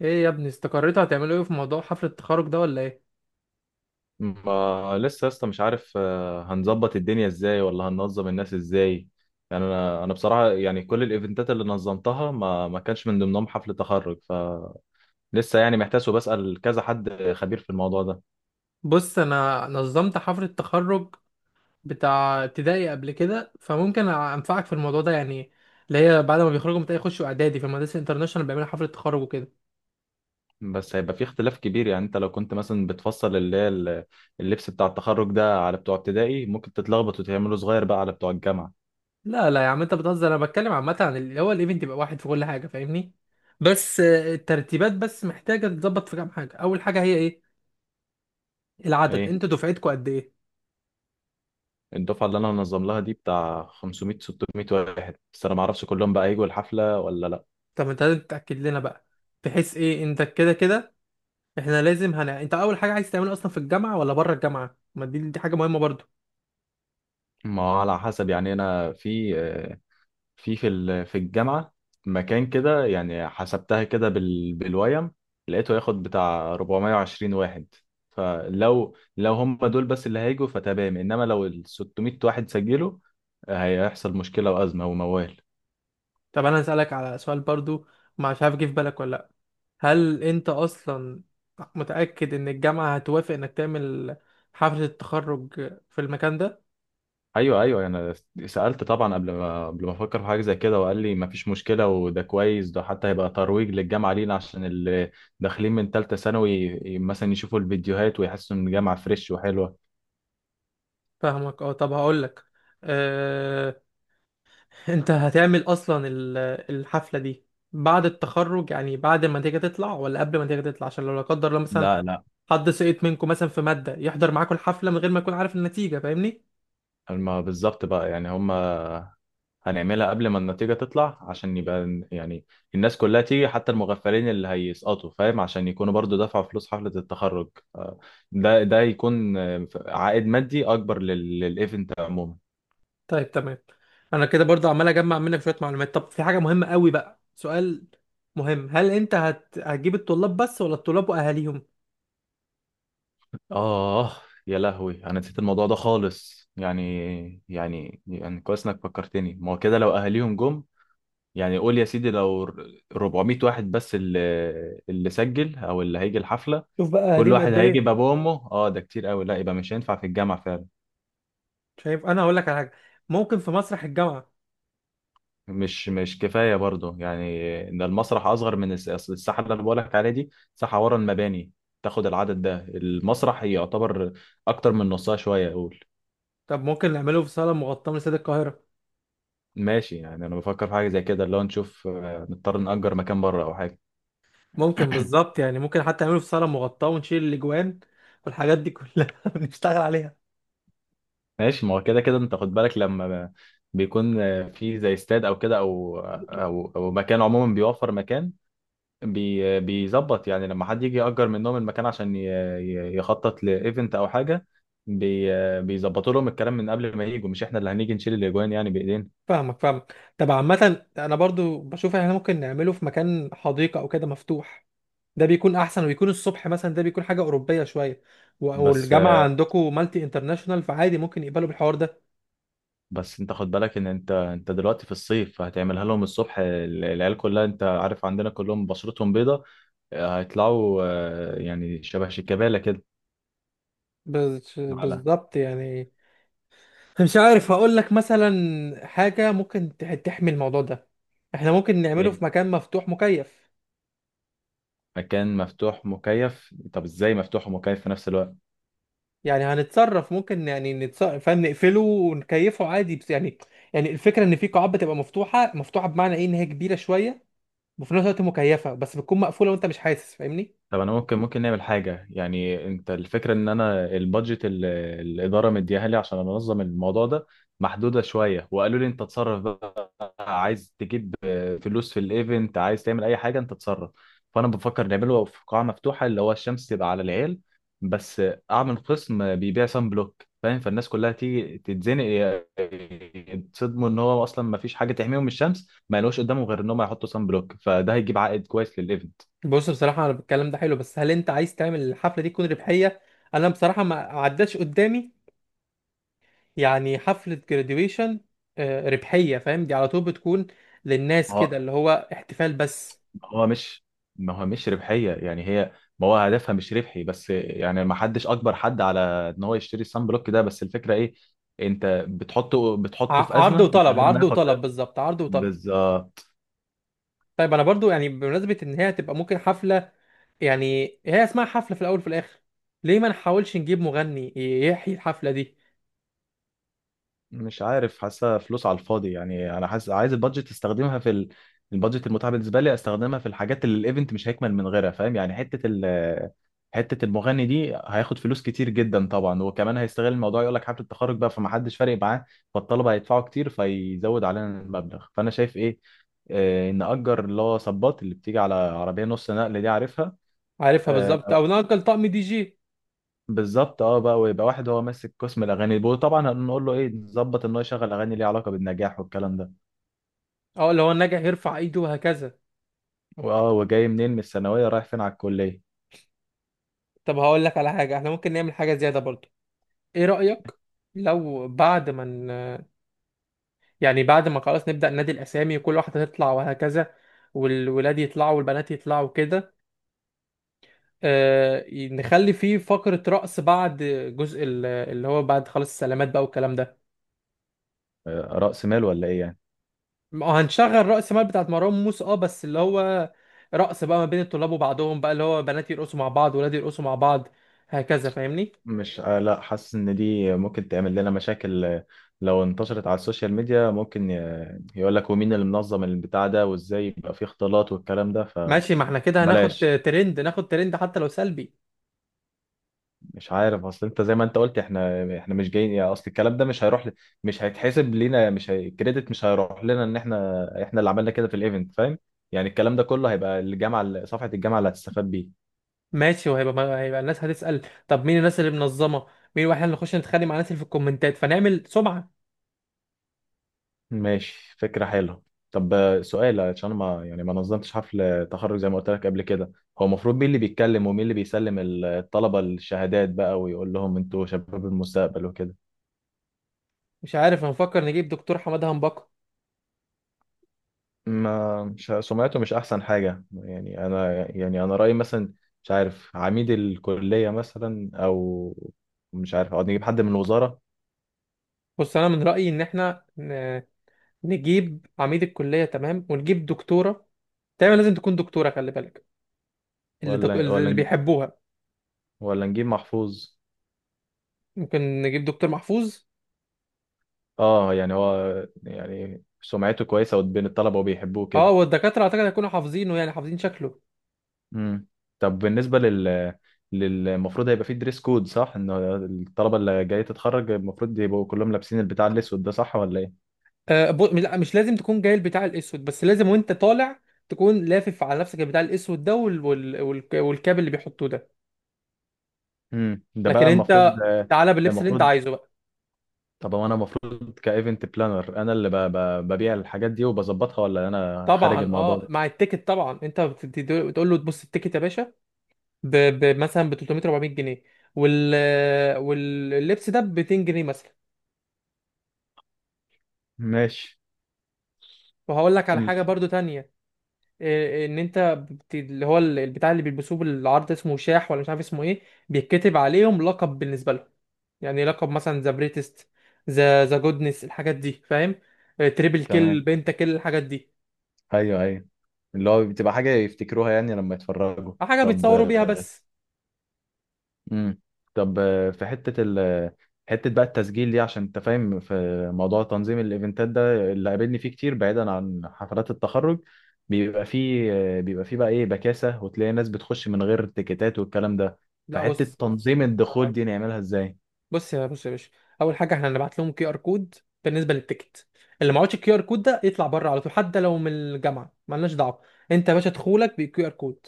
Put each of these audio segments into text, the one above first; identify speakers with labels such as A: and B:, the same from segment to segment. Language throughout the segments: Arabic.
A: ايه يا ابني استقريتوا هتعملوا ايه في موضوع حفلة التخرج ده ولا ايه؟
B: ما لسه لسه مش عارف. هنظبط الدنيا ازاي ولا هننظم الناس ازاي؟ يعني انا بصراحه، يعني كل الايفنتات اللي نظمتها ما كانش من ضمنهم حفل تخرج، فلسه يعني محتاس وبسال كذا حد خبير في الموضوع ده.
A: بص، انا نظمت حفلة التخرج بتاع ابتدائي قبل كده، فممكن انفعك في الموضوع ده يعني. اللي هي بعد ما بيخرجوا من ابتدائي يخشوا اعدادي في المدارس الانترناشونال بيعملوا حفلة تخرج وكده.
B: بس هيبقى في اختلاف كبير، يعني انت لو كنت مثلا بتفصل اللبس بتاع التخرج ده على بتوع ابتدائي ممكن تتلخبط وتعمله صغير بقى على بتوع الجامعه.
A: لا يا عم، انت بتهزر، انا بتكلم عامة عن اللي هو الايفنت، يبقى واحد في كل حاجة، فاهمني؟ بس الترتيبات بس محتاجة تتظبط في كام حاجة. اول حاجة هي ايه؟ العدد،
B: ايه
A: انتوا دفعتكوا قد ايه؟
B: الدفعه اللي انا هنظم لها دي بتاع 500 600 واحد، بس انا ما اعرفش كلهم بقى هيجوا الحفله ولا لا.
A: طب انت لازم تتأكد لنا بقى، بحيث ايه، انت كده كده احنا لازم هن... انت اول حاجه عايز تعمله اصلا في الجامعه ولا بره الجامعه؟ ما دي حاجه مهمه برضو.
B: ما هو على حسب، يعني انا في الجامعه مكان كده، يعني حسبتها كده بالويم لقيته ياخد بتاع 420 واحد، فلو هم دول بس اللي هيجوا فتمام، انما لو ال 600 واحد سجلوا هيحصل مشكله وازمه وموال.
A: طب انا هسالك على سؤال برضو، مش عارف جه في بالك ولا لا. هل انت اصلا متاكد ان الجامعه هتوافق انك تعمل حفله التخرج في المكان ده؟
B: ايوه ايوه، انا سالت طبعا قبل ما افكر في حاجه زي كده، وقال لي مفيش مشكله، وده كويس، ده حتى هيبقى ترويج للجامعه لينا، عشان اللي داخلين من ثالثه ثانوي مثلا يشوفوا الفيديوهات ويحسوا ان الجامعه فريش وحلوه.
A: فاهمك، اه. طب هقول لك، اه... انت هتعمل اصلا الحفله دي بعد التخرج، يعني بعد ما النتيجه تطلع، ولا قبل ما النتيجه تطلع؟ عشان لو لا قدر الله مثلا
B: لا لا.
A: حد سقط منكم مثلا في ماده يحضر معاكم الحفله من غير ما يكون عارف النتيجه، فاهمني؟
B: ما بالظبط بقى، يعني هم هنعملها قبل ما النتيجه تطلع عشان يبقى يعني الناس كلها تيجي حتى المغفلين اللي هيسقطوا، فاهم، عشان يكونوا برضو دفعوا فلوس حفله التخرج. آه، ده يكون عائد مادي اكبر للايفنت عموما.
A: طيب تمام، انا كده برضه عمال اجمع منك شويه معلومات. طب في حاجه مهمه قوي بقى، سؤال مهم. هل انت هتجيب الطلاب بس ولا الطلاب واهاليهم؟
B: آه، يا لهوي أنا نسيت الموضوع ده خالص، يعني يعني كويس إنك فكرتني، ما هو كده لو أهاليهم جم يعني، قول يا سيدي لو 400 واحد بس اللي سجل أو اللي هيجي الحفلة.
A: شوف بقى،
B: كل
A: اهاليهم
B: واحد
A: قد
B: هيجي
A: ايه؟
B: بأبوه وأمه، آه ده كتير أوي، لا، يبقى مش هينفع في الجامع فعلا.
A: شايف، انا هقول لك على حاجه، ممكن في مسرح الجامعه.
B: مش كفاية برضه، يعني إن المسرح أصغر من أصل الساحة اللي أنا بقولك عليها دي ساحة ورا المباني تاخد العدد ده، المسرح يعتبر أكتر من نصها شوية أقول.
A: طب ممكن نعمله في صاله مغطاه من استاد القاهره.
B: ماشي، يعني انا بفكر في حاجه زي كده، اللي هو نشوف نضطر نأجر مكان بره او حاجه.
A: ممكن بالظبط يعني، ممكن حتى نعمله في صاله مغطاه ونشيل الاجوان والحاجات دي كلها. بنشتغل عليها.
B: ماشي، ما هو كده كده انت خد بالك لما بيكون في زي استاد او كده او مكان عموما بيوفر مكان، بيظبط، يعني لما حد يجي يأجر منهم المكان عشان يخطط لايفنت او حاجه، بي آه، بيظبطوا لهم الكلام من قبل ما يجوا، مش احنا اللي هنيجي نشيل الاجوان يعني بايدينا.
A: فاهمك. طب عامه انا برضو بشوف احنا ممكن نعمله في مكان حديقه او كده مفتوح، ده بيكون احسن، ويكون الصبح مثلا، ده بيكون حاجه اوروبيه شويه.
B: بس
A: والجامعه عندكم مالتي انترناشونال، فعادي ممكن يقبلوا بالحوار ده.
B: بس انت خد بالك ان انت دلوقتي في الصيف هتعملها لهم الصبح، العيال كلها انت عارف عندنا كلهم بشرتهم بيضة، هيطلعوا يعني شبه شيكابالا كده. على
A: بالظبط يعني. مش عارف، هقول لك مثلا حاجه ممكن تحمي الموضوع ده، احنا ممكن نعمله
B: ايه؟
A: في مكان مفتوح مكيف.
B: مكان مفتوح مكيف؟ طب ازاي مفتوح ومكيف في نفس الوقت؟
A: يعني هنتصرف، ممكن يعني نتصرف، فاهم؟ نقفله ونكيفه عادي، بس يعني، يعني الفكره ان في قاعات بتبقى مفتوحه. مفتوحه بمعنى ايه؟ ان هي كبيره شويه وفي نفس الوقت مكيفه، بس بتكون مقفوله وانت مش حاسس، فاهمني؟
B: طب انا ممكن نعمل حاجة، يعني انت الفكرة ان انا البادجت الإدارة مديها لي عشان انظم الموضوع ده محدودة شوية، وقالوا لي انت تصرف، عايز تجيب فلوس في الايفنت، عايز تعمل اي حاجه انت تتصرف. فانا بفكر نعمله في قاعه مفتوحه اللي هو الشمس تبقى على العيال، بس اعمل قسم بيبيع سان بلوك، فاهم، فالناس كلها تيجي تتزنق، يتصدموا ان هو اصلا ما فيش حاجه تحميهم من الشمس، ما يلاقوش قدامهم غير ان هم يحطوا سان بلوك، فده هيجيب عائد كويس للايفنت.
A: بص بصراحة أنا الكلام ده حلو، بس هل أنت عايز تعمل الحفلة دي تكون ربحية؟ أنا بصراحة ما عداش قدامي يعني حفلة graduation ربحية، فاهم؟ دي على طول بتكون للناس كده اللي هو احتفال بس.
B: هو مش، ما هو مش ربحية يعني هي، ما هو هدفها مش ربحي، بس يعني ما حدش اجبر حد على ان هو يشتري الصن بلوك ده، بس الفكرة ايه، انت بتحطه في
A: عرض
B: ازمة من
A: وطلب،
B: غير ما
A: عرض
B: ياخد
A: وطلب،
B: بالك.
A: بالظبط، عرض وطلب.
B: بالظبط.
A: طيب أنا برضو يعني، بمناسبة إن هي هتبقى ممكن حفلة، يعني هي اسمها حفلة في الأول وفي الآخر، ليه ما نحاولش نجيب مغني يحيي الحفلة دي؟
B: مش عارف حاسه فلوس على الفاضي، يعني انا حاسس عايز البادجت استخدمها في ال... البادجت المتاحه بالنسبه لي استخدمها في الحاجات اللي الايفنت مش هيكمل من غيرها، فاهم، يعني حته ال... حته المغني دي هياخد فلوس كتير جدا طبعا، وكمان هيستغل الموضوع يقول لك حفله التخرج بقى، فمحدش فارق معاه، فالطلبه هيدفعوا كتير فيزود علينا المبلغ. فانا شايف ايه، نأجر اللي هو صباط اللي بتيجي على عربية نص نقل دي، عارفها.
A: عارفها بالظبط،
B: آه،
A: أو نأجل طقم دي جي.
B: بالظبط اه بقى، ويبقى واحد هو ماسك قسم الاغاني، وطبعا هنقول له ايه، نظبط ان هو يشغل اغاني ليها علاقه بالنجاح والكلام ده،
A: أو اللي هو الناجح يرفع إيده وهكذا.
B: واه، وجاي منين من الثانويه رايح فين على الكليه.
A: طب هقول لك على حاجة، احنا ممكن نعمل حاجة زيادة برضو، ايه رأيك؟ لو بعد ما يعني بعد ما خلاص نبدأ نادي الأسامي وكل واحدة تطلع وهكذا، والولاد يطلعوا والبنات يطلعوا كده، آه نخلي فيه فقرة رقص بعد جزء اللي هو بعد خلاص السلامات بقى والكلام ده.
B: راس مال ولا ايه يعني؟
A: ما هنشغل رأس مال بتاعت مروان موسى اه، بس اللي هو رقص بقى ما بين الطلاب وبعضهم بقى، اللي هو بنات يرقصوا مع بعض، ولاد يرقصوا مع بعض، هكذا فاهمني؟
B: مش آه لا حاسس ان دي ممكن تعمل لنا مشاكل، لو انتشرت على السوشيال ميديا ممكن يقول لك ومين اللي منظم البتاع ده، وازاي يبقى فيه اختلاط والكلام ده،
A: ماشي، ما احنا كده هناخد
B: فبلاش.
A: ترند، ناخد ترند حتى لو سلبي.
B: مش عارف، اصل انت زي ما انت قلت احنا، مش جايين، يعني اصل الكلام ده مش هيروح ل... مش هيتحسب لينا، مش هي... الكريدت مش هيروح لنا ان احنا اللي عملنا كده في الايفنت، فاهم، يعني الكلام ده كله هيبقى الجامعه، صفحه الجامعه اللي هتستفاد بيه.
A: ماشي، وهيبقى ما- هيبقى الناس هتسأل طب مين الناس اللي منظمة؟ مين؟ واحنا اللي نخش نتخانق مع الناس اللي في الكومنتات فنعمل سمعة.
B: ماشي، فكره حلوه. طب سؤال، عشان ما يعني ما نظمتش حفل تخرج زي ما قلت لك قبل كده، هو المفروض مين اللي بيتكلم ومين اللي بيسلم الطلبه الشهادات بقى ويقول لهم انتوا شباب المستقبل وكده؟
A: مش عارف، هنفكر نجيب دكتور حماده هنبكة.
B: ما مش سمعته مش احسن حاجه، يعني انا رايي مثلا، مش عارف، عميد الكليه مثلا، او مش عارف، او نجيب حد من الوزاره.
A: بص انا من رأيي ان احنا نجيب عميد الكلية، تمام، ونجيب دكتورة، دايما لازم تكون دكتورة، خلي بالك.
B: ولا ولا
A: اللي
B: نجيب
A: بيحبوها.
B: ولا نجيب محفوظ.
A: ممكن نجيب دكتور محفوظ.
B: اه، يعني هو يعني سمعته كويسه بين الطلبه وبيحبوه
A: اه
B: كده.
A: والدكاترة اعتقد هيكونوا حافظينه، يعني حافظين شكله.
B: امم. طب بالنسبه للمفروض هيبقى فيه دريس كود صح، ان الطلبه اللي جايه تتخرج المفروض يبقوا كلهم لابسين البتاع الاسود ده صح ولا ايه؟
A: لا، مش لازم تكون جاي البتاع الاسود، بس لازم وانت طالع تكون لافف على نفسك البتاع الاسود ده والكاب اللي بيحطوه ده.
B: ده
A: لكن
B: بقى
A: انت
B: المفروض.
A: تعالى باللبس اللي انت
B: المفروض.
A: عايزه بقى.
B: طب هو انا المفروض كايفنت بلانر انا اللي ببيع الحاجات دي وبظبطها ولا انا خارج
A: طبعا
B: الموضوع
A: اه،
B: ده؟
A: مع التيكت طبعا انت بتقول له تبص التيكت يا باشا مثلا ب 300 400 جنيه، وال... واللبس ده ب 200 جنيه مثلا.
B: ماشي.
A: وهقول لك على
B: ال-
A: حاجه برضو تانية، ان انت اللي هو البتاع اللي بيلبسوه بالعرض اسمه شاح ولا مش عارف اسمه ايه، بيتكتب عليهم لقب بالنسبه لهم، يعني لقب مثلا ذا بريتست، ذا جودنس، الحاجات دي فاهم، تريبل كيل،
B: تمام.
A: بنتا كيل، الحاجات دي،
B: ايوه ايوه، اللي هو بتبقى حاجه يفتكروها يعني لما يتفرجوا.
A: حاجه
B: طب.
A: بيتصوروا بيها بس.
B: امم. طب في حته بقى التسجيل دي عشان انت فاهم في موضوع تنظيم الايفنتات ده اللي قابلني فيه كتير بعيدا عن حفلات التخرج، بيبقى فيه بيبقى فيه بقى ايه، بكاسه، وتلاقي ناس بتخش من غير تيكيتات والكلام ده،
A: لا
B: فحته
A: بص، بص
B: تنظيم الدخول دي نعملها ازاي؟
A: بص يا بص يا باشا، اول حاجه احنا هنبعت لهم كيو ار كود بالنسبه للتيكت، اللي معهوش الكيو ار كود ده يطلع بره على طول حتى لو من الجامعه مالناش دعوه، انت يا باشا دخولك بالكيو ار كود،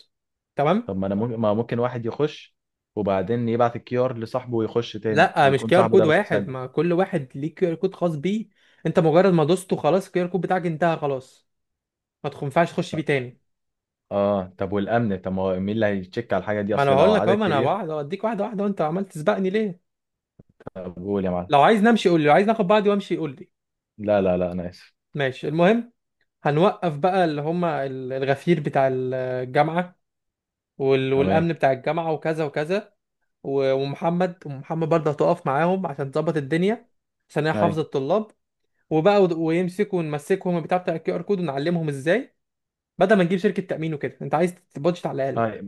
A: تمام؟
B: طب ما انا ممكن ما ممكن واحد يخش، وبعدين يبعت الكيو ار لصاحبه ويخش تاني،
A: لا، مش
B: ويكون
A: كيو ار
B: صاحبه
A: كود
B: ده مش
A: واحد،
B: مسجل.
A: ما كل واحد ليه كيو ار كود خاص بيه، انت مجرد ما دوسته خلاص الكيو ار كود بتاعك انتهى خلاص، ما ينفعش تخش بيه تاني.
B: اه، طب والامن؟ طب ما هو مين اللي هيتشيك على الحاجه دي،
A: ما انا
B: اصل لو
A: بقول لك
B: عدد
A: اهو، ما انا
B: كبير؟
A: واحد اوديك واحده واحده وانت عمال تسبقني ليه؟
B: طب قول يا معلم.
A: لو عايز نمشي قول لي، لو عايز ناخد بعضي وامشي قول لي.
B: لا لا لا، انا اسف.
A: ماشي، المهم هنوقف بقى اللي هم الغفير بتاع الجامعه
B: تمام.
A: والامن بتاع الجامعه وكذا وكذا ومحمد برضه هتقف معاهم عشان تظبط الدنيا، عشان هي
B: أيوة.
A: حافظه الطلاب. ويمسكوا، ونمسكهم البتاع بتاع الكيو ار كود ونعلمهم ازاي، بدل ما نجيب شركه تامين وكده، انت عايز بادجت على الاقل.
B: ايوه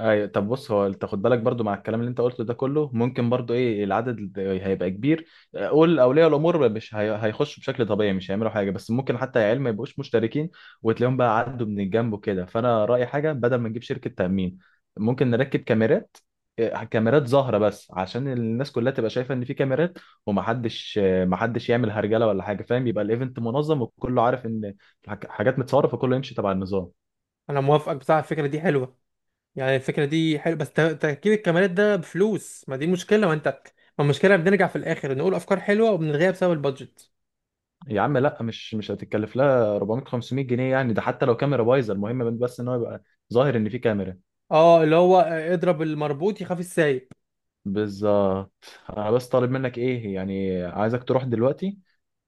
B: ايوه. طب بص، هو انت خد بالك برضو مع الكلام اللي انت قلته ده كله، ممكن برضو ايه العدد هيبقى كبير، قول اولياء الامور، مش هي- هيخشوا بشكل طبيعي مش هيعملوا حاجه، بس ممكن حتى العيال ما يبقوش مشتركين وتلاقيهم بقى عدوا من الجنب وكده، فانا رايي حاجه بدل ما نجيب شركه تامين ممكن نركب كاميرات. إيه، كاميرات ظاهره بس عشان الناس كلها تبقى شايفه ان في كاميرات، ومحدش محدش يعمل هرجله ولا حاجه، فاهم، يبقى الايفنت منظم وكله عارف ان الحاجات متصوره فكله يمشي تبع النظام.
A: انا موافقك بصراحه، الفكره دي حلوه، يعني الفكره دي حلوه، بس تركيب الكاميرات ده بفلوس، ما دي مشكله، ما انت، ما المشكله بنرجع في الاخر نقول افكار حلوه وبنلغيها بسبب البادجت.
B: يا عم لا، مش هتتكلف لها 400 500 جنيه يعني، ده حتى لو كاميرا بايظه، المهم بس ان هو يبقى ظاهر ان في كاميرا.
A: اه اللي هو اضرب المربوط يخاف السايق.
B: بالظبط. انا بس طالب منك ايه، يعني عايزك تروح دلوقتي،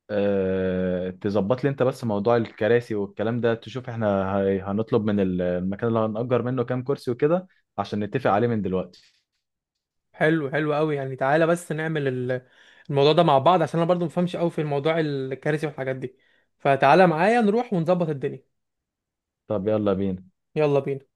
B: أه... تظبط لي انت بس موضوع الكراسي والكلام ده، تشوف احنا هنطلب من المكان اللي هنأجر منه كام كرسي وكده عشان نتفق عليه من دلوقتي.
A: حلو، حلو قوي، يعني تعالى بس نعمل الموضوع ده مع بعض عشان انا برضو مفهمش قوي في الموضوع الكارثي والحاجات دي، فتعالى معايا نروح ونظبط الدنيا.
B: طب يلا بينا.
A: يلا بينا.